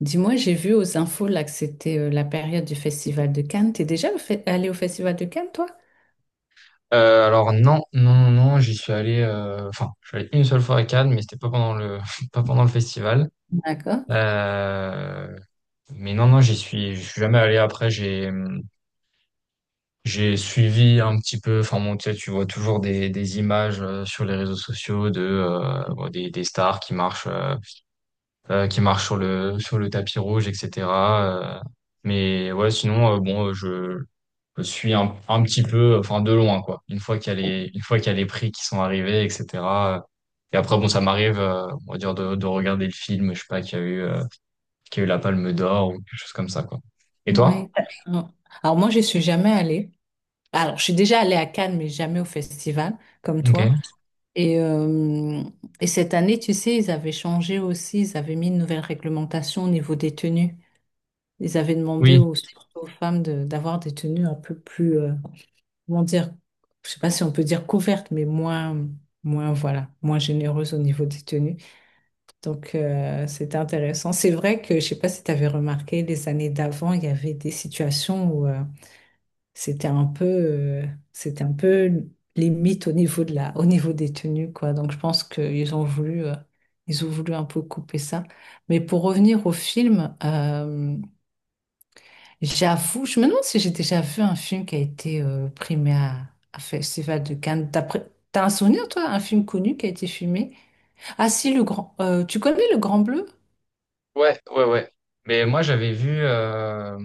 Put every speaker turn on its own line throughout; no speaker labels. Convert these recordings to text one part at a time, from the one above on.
Dis-moi, j'ai vu aux infos là que c'était la période du Festival de Cannes. T'es allé au Festival de Cannes, toi?
Alors non, j'y suis allé, enfin, je suis allé une seule fois à Cannes, mais c'était pas pendant le, pas pendant le festival.
D'accord.
Euh, mais non, je suis jamais allé. Après, j'ai suivi un petit peu, enfin, bon, tu sais, tu vois toujours des images sur les réseaux sociaux de, bon, des stars qui marchent, qui marche sur le tapis rouge, etc. euh, mais ouais, sinon bon, je suis un petit peu, enfin de loin quoi. Une fois qu'il y a les prix qui sont arrivés, etc. euh, et après bon, ça m'arrive, on va dire de regarder le film, je sais pas, qui a eu la Palme d'Or ou quelque chose comme ça quoi. Et
Oui.
toi?
Alors moi, je suis jamais allée. Alors, je suis déjà allée à Cannes, mais jamais au festival, comme toi.
Ok.
Et, euh, et cette année, tu sais, ils avaient changé aussi, ils avaient mis une nouvelle réglementation au niveau des tenues. Ils avaient demandé
Oui.
aux, surtout aux femmes d'avoir des tenues un peu plus, comment dire, je sais pas si on peut dire couvertes, mais moins, voilà, moins généreuses au niveau des tenues. Donc, c'était intéressant. C'est vrai que, je sais pas si tu avais remarqué, les années d'avant, il y avait des situations où c'était un c'était un peu limite au niveau de au niveau des tenues, quoi. Donc, je pense qu'ils ont voulu, ils ont voulu un peu couper ça. Mais pour revenir au film, j'avoue, je me demande si j'ai déjà vu un film qui a été primé à Festival de Cannes. T'as un souvenir, toi, un film connu qui a été filmé? Ah si, le tu connais Le Grand Bleu?
Ouais, ouais, ouais. Mais moi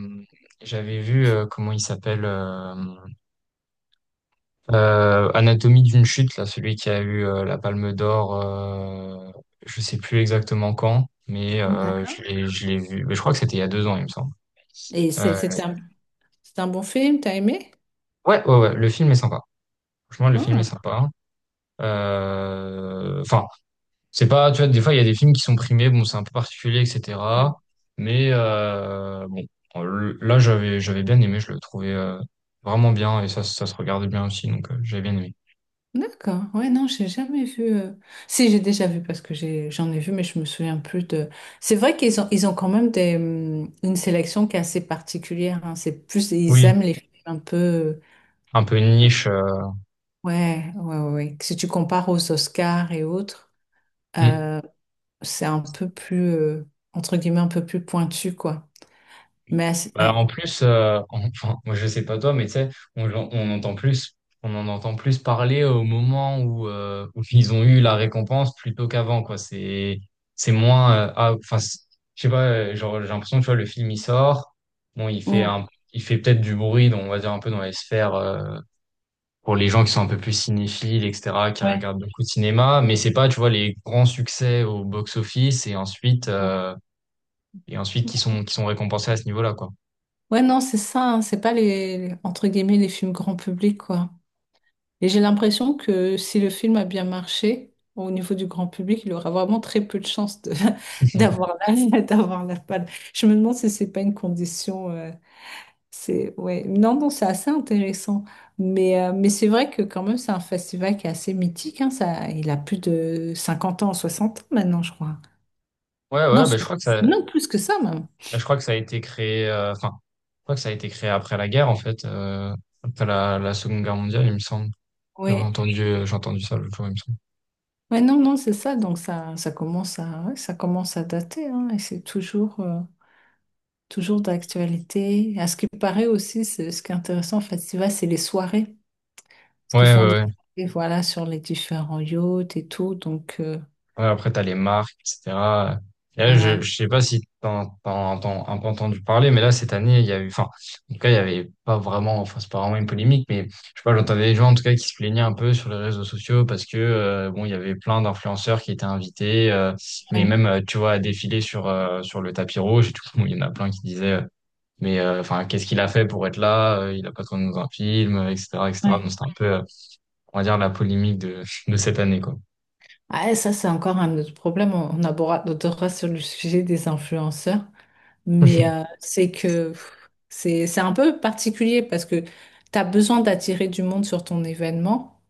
j'avais vu comment il s'appelle. Anatomie d'une chute, là, celui qui a eu la Palme d'Or, je sais plus exactement quand, mais euh, je l'ai vu. Mais je crois que c'était il y a deux ans, il me semble.
Et
Euh,
c'est un bon film, t'as aimé?
ouais, ouais, ouais, le film est sympa. Franchement, le film est
Ah,
sympa. Enfin, c'est pas, tu vois, des fois, il y a des films qui sont primés, bon, c'est un peu particulier,
ouais.
etc. Mais bon, là, j'avais bien aimé, je le trouvais vraiment bien et ça se regarde bien aussi, donc j'avais bien aimé.
D'accord. Ouais, non, j'ai jamais vu. Si, j'ai déjà vu parce que j'en ai vu, mais je me souviens plus de. C'est vrai ils ont quand même des, une sélection qui est assez particulière, hein. C'est plus, ils
Oui,
aiment les films un peu.
un peu une niche.
Ouais. Si tu compares aux Oscars et autres,
Hmm.
euh, c'est un peu entre guillemets, un peu plus pointu, quoi. Mais
Bah,
ouais.
en plus, en- enfin, moi je sais pas toi, mais tu sais, on, on entend plus, on en entend plus parler au moment où où ils ont eu la récompense plutôt qu'avant, quoi. C'est moins, je sais pas, genre j'ai l'impression, tu vois, le film il sort, bon,
Mm.
il fait peut-être du bruit, donc on va dire un peu dans les sphères pour les gens qui sont un peu plus cinéphiles, etc., qui
Ouais.
regardent beaucoup de cinéma, mais c'est pas, tu vois, les grands succès au box-office et et ensuite qui sont récompensés à ce niveau-là, quoi.
Ouais, non, c'est ça, hein, c'est pas les, entre guillemets, les films grand public, quoi. Et j'ai l'impression que si le film a bien marché au niveau du grand public, il aura vraiment très peu de chances d'avoir la palme. Je me demande si c'est pas une condition, ouais. Non, non, c'est assez intéressant. Mais c'est vrai que quand même, c'est un festival qui est assez mythique, hein, ça, il a plus de 50 ans, 60 ans maintenant, je crois.
Ouais,
Non,
ouais,
so-
ben je crois que ça,
non, plus que ça, même.
ben, je crois que ça a été créé, je crois que ça a été créé après la guerre, en fait, après la Seconde Guerre mondiale, il me semble.
Ouais.
J'ai entendu ça l'autre jour, il me semble.
Ouais, non, non, c'est ça. Donc ça commence ça commence à dater, hein, et c'est toujours, toujours d'actualité. À ce qui paraît aussi, ce qui est intéressant en festival, c'est les soirées, ce
Ouais,
qu'ils font des
ouais, ouais.
soirées, voilà, sur les différents yachts et tout. Donc
Ouais, après, t'as les marques, etc. Et là,
voilà.
je sais pas si t'en, t'en, t'en- un peu entendu parler, mais là, cette année, il y a eu, enfin, en tout cas, il y avait pas vraiment, enfin, c'est pas vraiment une polémique, mais je sais pas, j'entendais des gens, en tout cas, qui se plaignaient un peu sur les réseaux sociaux parce que, bon, il y avait plein d'influenceurs qui étaient invités,
Ouais,
tu vois, à défiler sur sur le tapis rouge et tout. Bon, il y en a plein qui disaient, enfin, qu'est-ce qu'il a fait pour être là? Il a pas tourné dans un film, etc., etc.
ouais.
Donc, c'était un peu, on va dire, la polémique de, de cette année, quoi.
Ah, et ça, c'est encore un autre problème. On abordera sur le sujet des influenceurs. Mais c'est que pff, c'est un peu particulier parce que tu as besoin d'attirer du monde sur ton événement.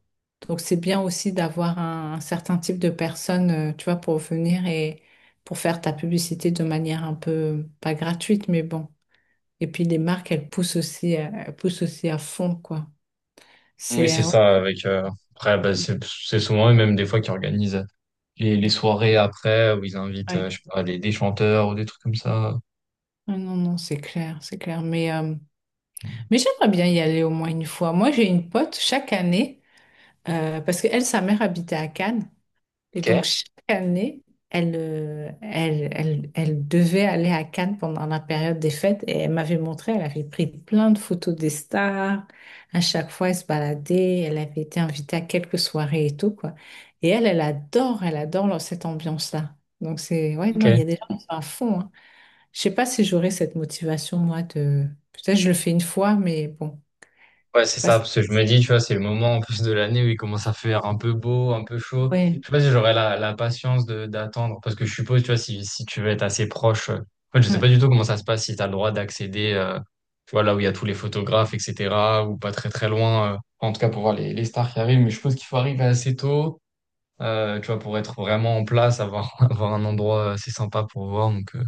Donc c'est bien aussi d'avoir un certain type de personnes, tu vois, pour venir et pour faire ta publicité de manière un peu pas gratuite, mais bon. Et puis les marques, elles poussent aussi à fond, quoi.
Oui,
C'est
c'est
ouais.
ça, avec après bah, c'est souvent eux même des fois qui organisent les soirées après où ils invitent
Ouais.
je sais pas, des chanteurs ou des trucs comme ça.
Ah non, non, c'est clair, c'est clair. Mais j'aimerais bien y aller au moins une fois. Moi, j'ai une pote chaque année, parce qu'elle, sa mère habitait à Cannes. Et
Ok.
donc, chaque année, elle devait aller à Cannes pendant la période des fêtes et elle m'avait montré, elle avait pris plein de photos des stars. À chaque fois, elle se baladait, elle avait été invitée à quelques soirées et tout, quoi. Et elle adore cette ambiance-là. Donc, c'est, ouais,
Ok.
non, il y a des gens qui sont à fond, hein. Je sais pas si j'aurais cette motivation, peut-être je le fais une fois, mais bon,
Ouais,
je sais
c'est
pas
ça,
si,
parce que je me dis, tu vois, c'est le moment en plus de l'année où il commence à faire un peu beau, un peu chaud.
ouais,
Je sais pas si j'aurais la patience de d'attendre, parce que je suppose, tu vois, si tu veux être assez proche, en fait, je sais pas
ouais.
du tout comment ça se passe, si tu as le droit d'accéder, tu vois, là où il y a tous les photographes, etc., ou pas très très loin, enfin, en tout cas pour voir les stars qui arrivent, mais je suppose qu'il faut arriver assez tôt. Tu vois, pour être vraiment en place, avoir, avoir un endroit assez sympa pour voir. Donc,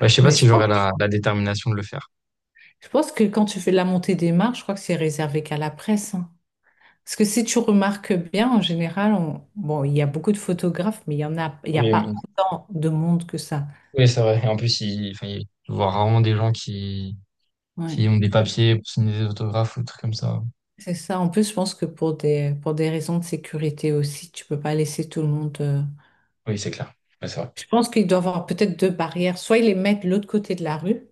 ouais, je sais pas
Mais
si j'aurais la détermination de le faire.
je pense que quand tu fais de la montée des marches, je crois que c'est réservé qu'à la presse, hein. Parce que si tu remarques bien, en général, bon, il y a beaucoup de photographes, mais il n'y a
Oui,
pas
mais-
autant de monde que ça.
oui, c'est vrai. Et en plus, je vois rarement des gens qui
Ouais.
ont des papiers pour signer des autographes ou des trucs comme ça.
C'est ça. En plus, je pense que pour pour des raisons de sécurité aussi, tu peux pas laisser tout le monde.
Oui, c'est clair. Ouais, c'est vrai.
Je pense qu'il doit y avoir peut-être deux barrières. Soit ils les mettent de l'autre côté de la rue,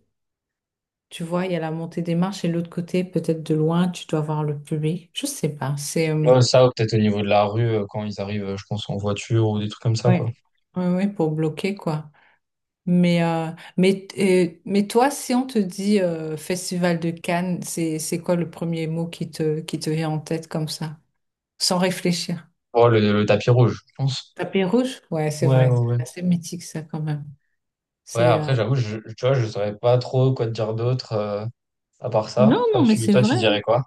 tu vois, il y a la montée des marches, et de l'autre côté, peut-être de loin, tu dois voir le public. Je sais pas. C'est
Ouais, ça, ou peut-être au niveau de la rue, quand ils arrivent, je pense, en voiture ou des trucs comme ça,
ouais,
quoi.
ouais, ouais, pour bloquer quoi. Mais, euh, mais toi, si on te dit Festival de Cannes, c'est quoi le premier mot qui qui te vient en tête comme ça, sans réfléchir?
Oh, le tapis rouge, je pense.
Tapis rouge? Ouais, c'est
Ouais, ouais,
vrai.
ouais.
C'est assez mythique, ça, quand même.
Ouais,
C'est,
après, j'avoue, tu vois, je saurais pas trop quoi te dire d'autre, à part ça.
non, non, mais c'est
Toi, tu
vrai, hein.
dirais quoi?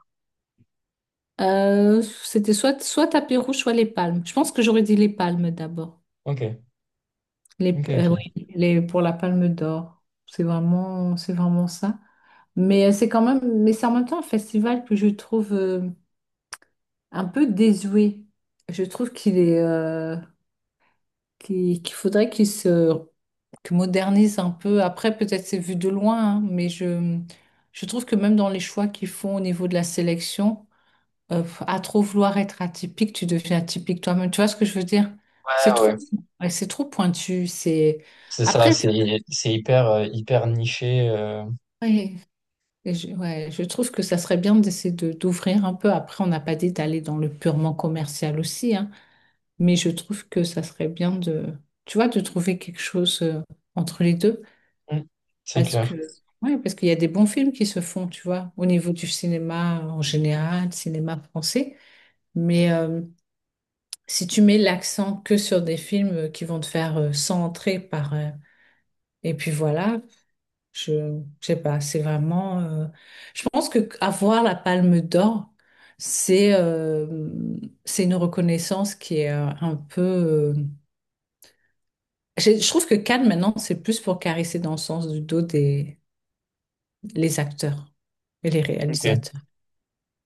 C'était soit tapis rouge, soit les palmes. Je pense que j'aurais dit les palmes d'abord.
Ok,
Les,
ok, ok.
oui, les, pour la palme d'or. C'est vraiment ça. Mais c'est quand même, mais c'est en même temps un festival que je trouve. Un peu désuet. Je trouve qu'il est, qu'il faudrait qu'il se qu'il modernise un peu. Après, peut-être c'est vu de loin, hein, mais je trouve que même dans les choix qu'ils font au niveau de la sélection, à trop vouloir être atypique, tu deviens atypique toi-même. Tu vois ce que je veux dire? C'est
Ouais,
trop,
ouais.
ouais, c'est trop pointu. C'est
C'est ça,
après,
c'est hyper, hyper niché.
ouais, et je trouve que ça serait bien d'essayer de d'ouvrir un peu. Après, on n'a pas dit d'aller dans le purement commercial aussi, hein. Mais je trouve que ça serait bien tu vois, de trouver quelque chose entre les deux.
Mm, c'est
Parce
clair.
que, ouais, parce qu'il y a des bons films qui se font, tu vois, au niveau du cinéma en général, cinéma français. Mais si tu mets l'accent que sur des films qui vont te faire 100 entrées par... et puis voilà, je sais pas, c'est vraiment... je pense que avoir la Palme d'Or, c'est euh, c'est une reconnaissance qui est un peu... je trouve que Cannes, maintenant, c'est plus pour caresser dans le sens du dos des les acteurs et les
Ok.
réalisateurs.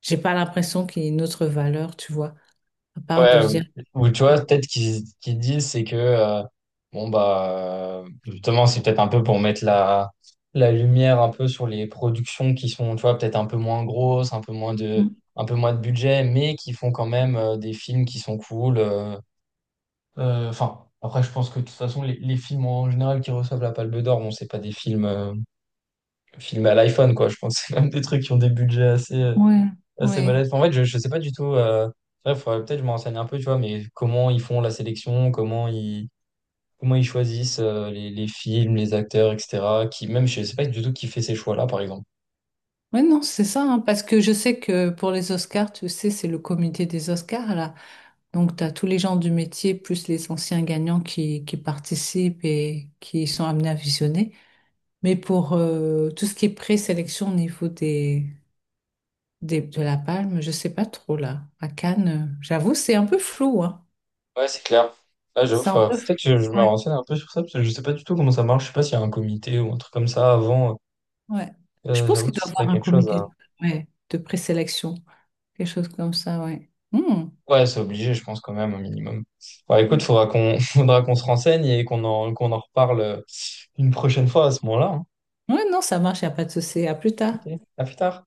J'ai pas l'impression qu'il y ait une autre valeur, tu vois, à part de
Ouais,
dire.
ou tu vois, peut-être qu'ils disent, c'est que, bon, bah, justement, c'est peut-être un peu pour mettre la lumière un peu sur les productions qui sont, tu vois, peut-être un peu moins grosses,
Mm.
un peu moins de budget, mais qui font quand même des films qui sont cool. Enfin, après, je pense que de toute façon, les films en général qui reçoivent la Palme d'Or, bon, c'est pas des films filmé à l'iPhone, quoi. Je pense que c'est même des trucs qui ont des budgets assez,
Ouais,
assez
ouais.
balèzes. En fait, je sais pas du tout. Ouais, faudrait peut-être que je me renseigne un peu, tu vois, mais comment ils font la sélection, comment ils choisissent les films, les acteurs, etc. Qui, même, je sais pas du tout qui fait ces choix-là, par exemple.
Ouais, non, c'est ça, hein, parce que je sais que pour les Oscars, tu sais, c'est le comité des Oscars, là. Donc, tu as tous les gens du métier, plus les anciens gagnants qui participent et qui sont amenés à visionner. Mais pour tout ce qui est présélection au niveau des de la Palme, je sais pas trop là. À Cannes, j'avoue, c'est un peu flou, hein.
Ouais, c'est clair. Là,
C'est un peu
peut-être
flou.
que je me
Ouais,
renseigne un peu sur ça, parce que je sais pas du tout comment ça marche. Je sais pas s'il y a un comité ou un truc comme ça avant.
ouais. Je pense
J'avoue
qu'il
que
doit y
c'est pas
avoir un
quelque chose.
comité de ouais, de présélection, quelque chose comme ça, ouais. Hmm.
Ouais, c'est obligé, je pense quand même, au minimum. Bah, écoute, faudra qu'on faudra qu'on se renseigne et qu'on en reparle une prochaine fois à ce moment-là, hein.
Ouais, non, ça marche, il n'y a pas de souci. À plus tard.
Ok. À plus tard.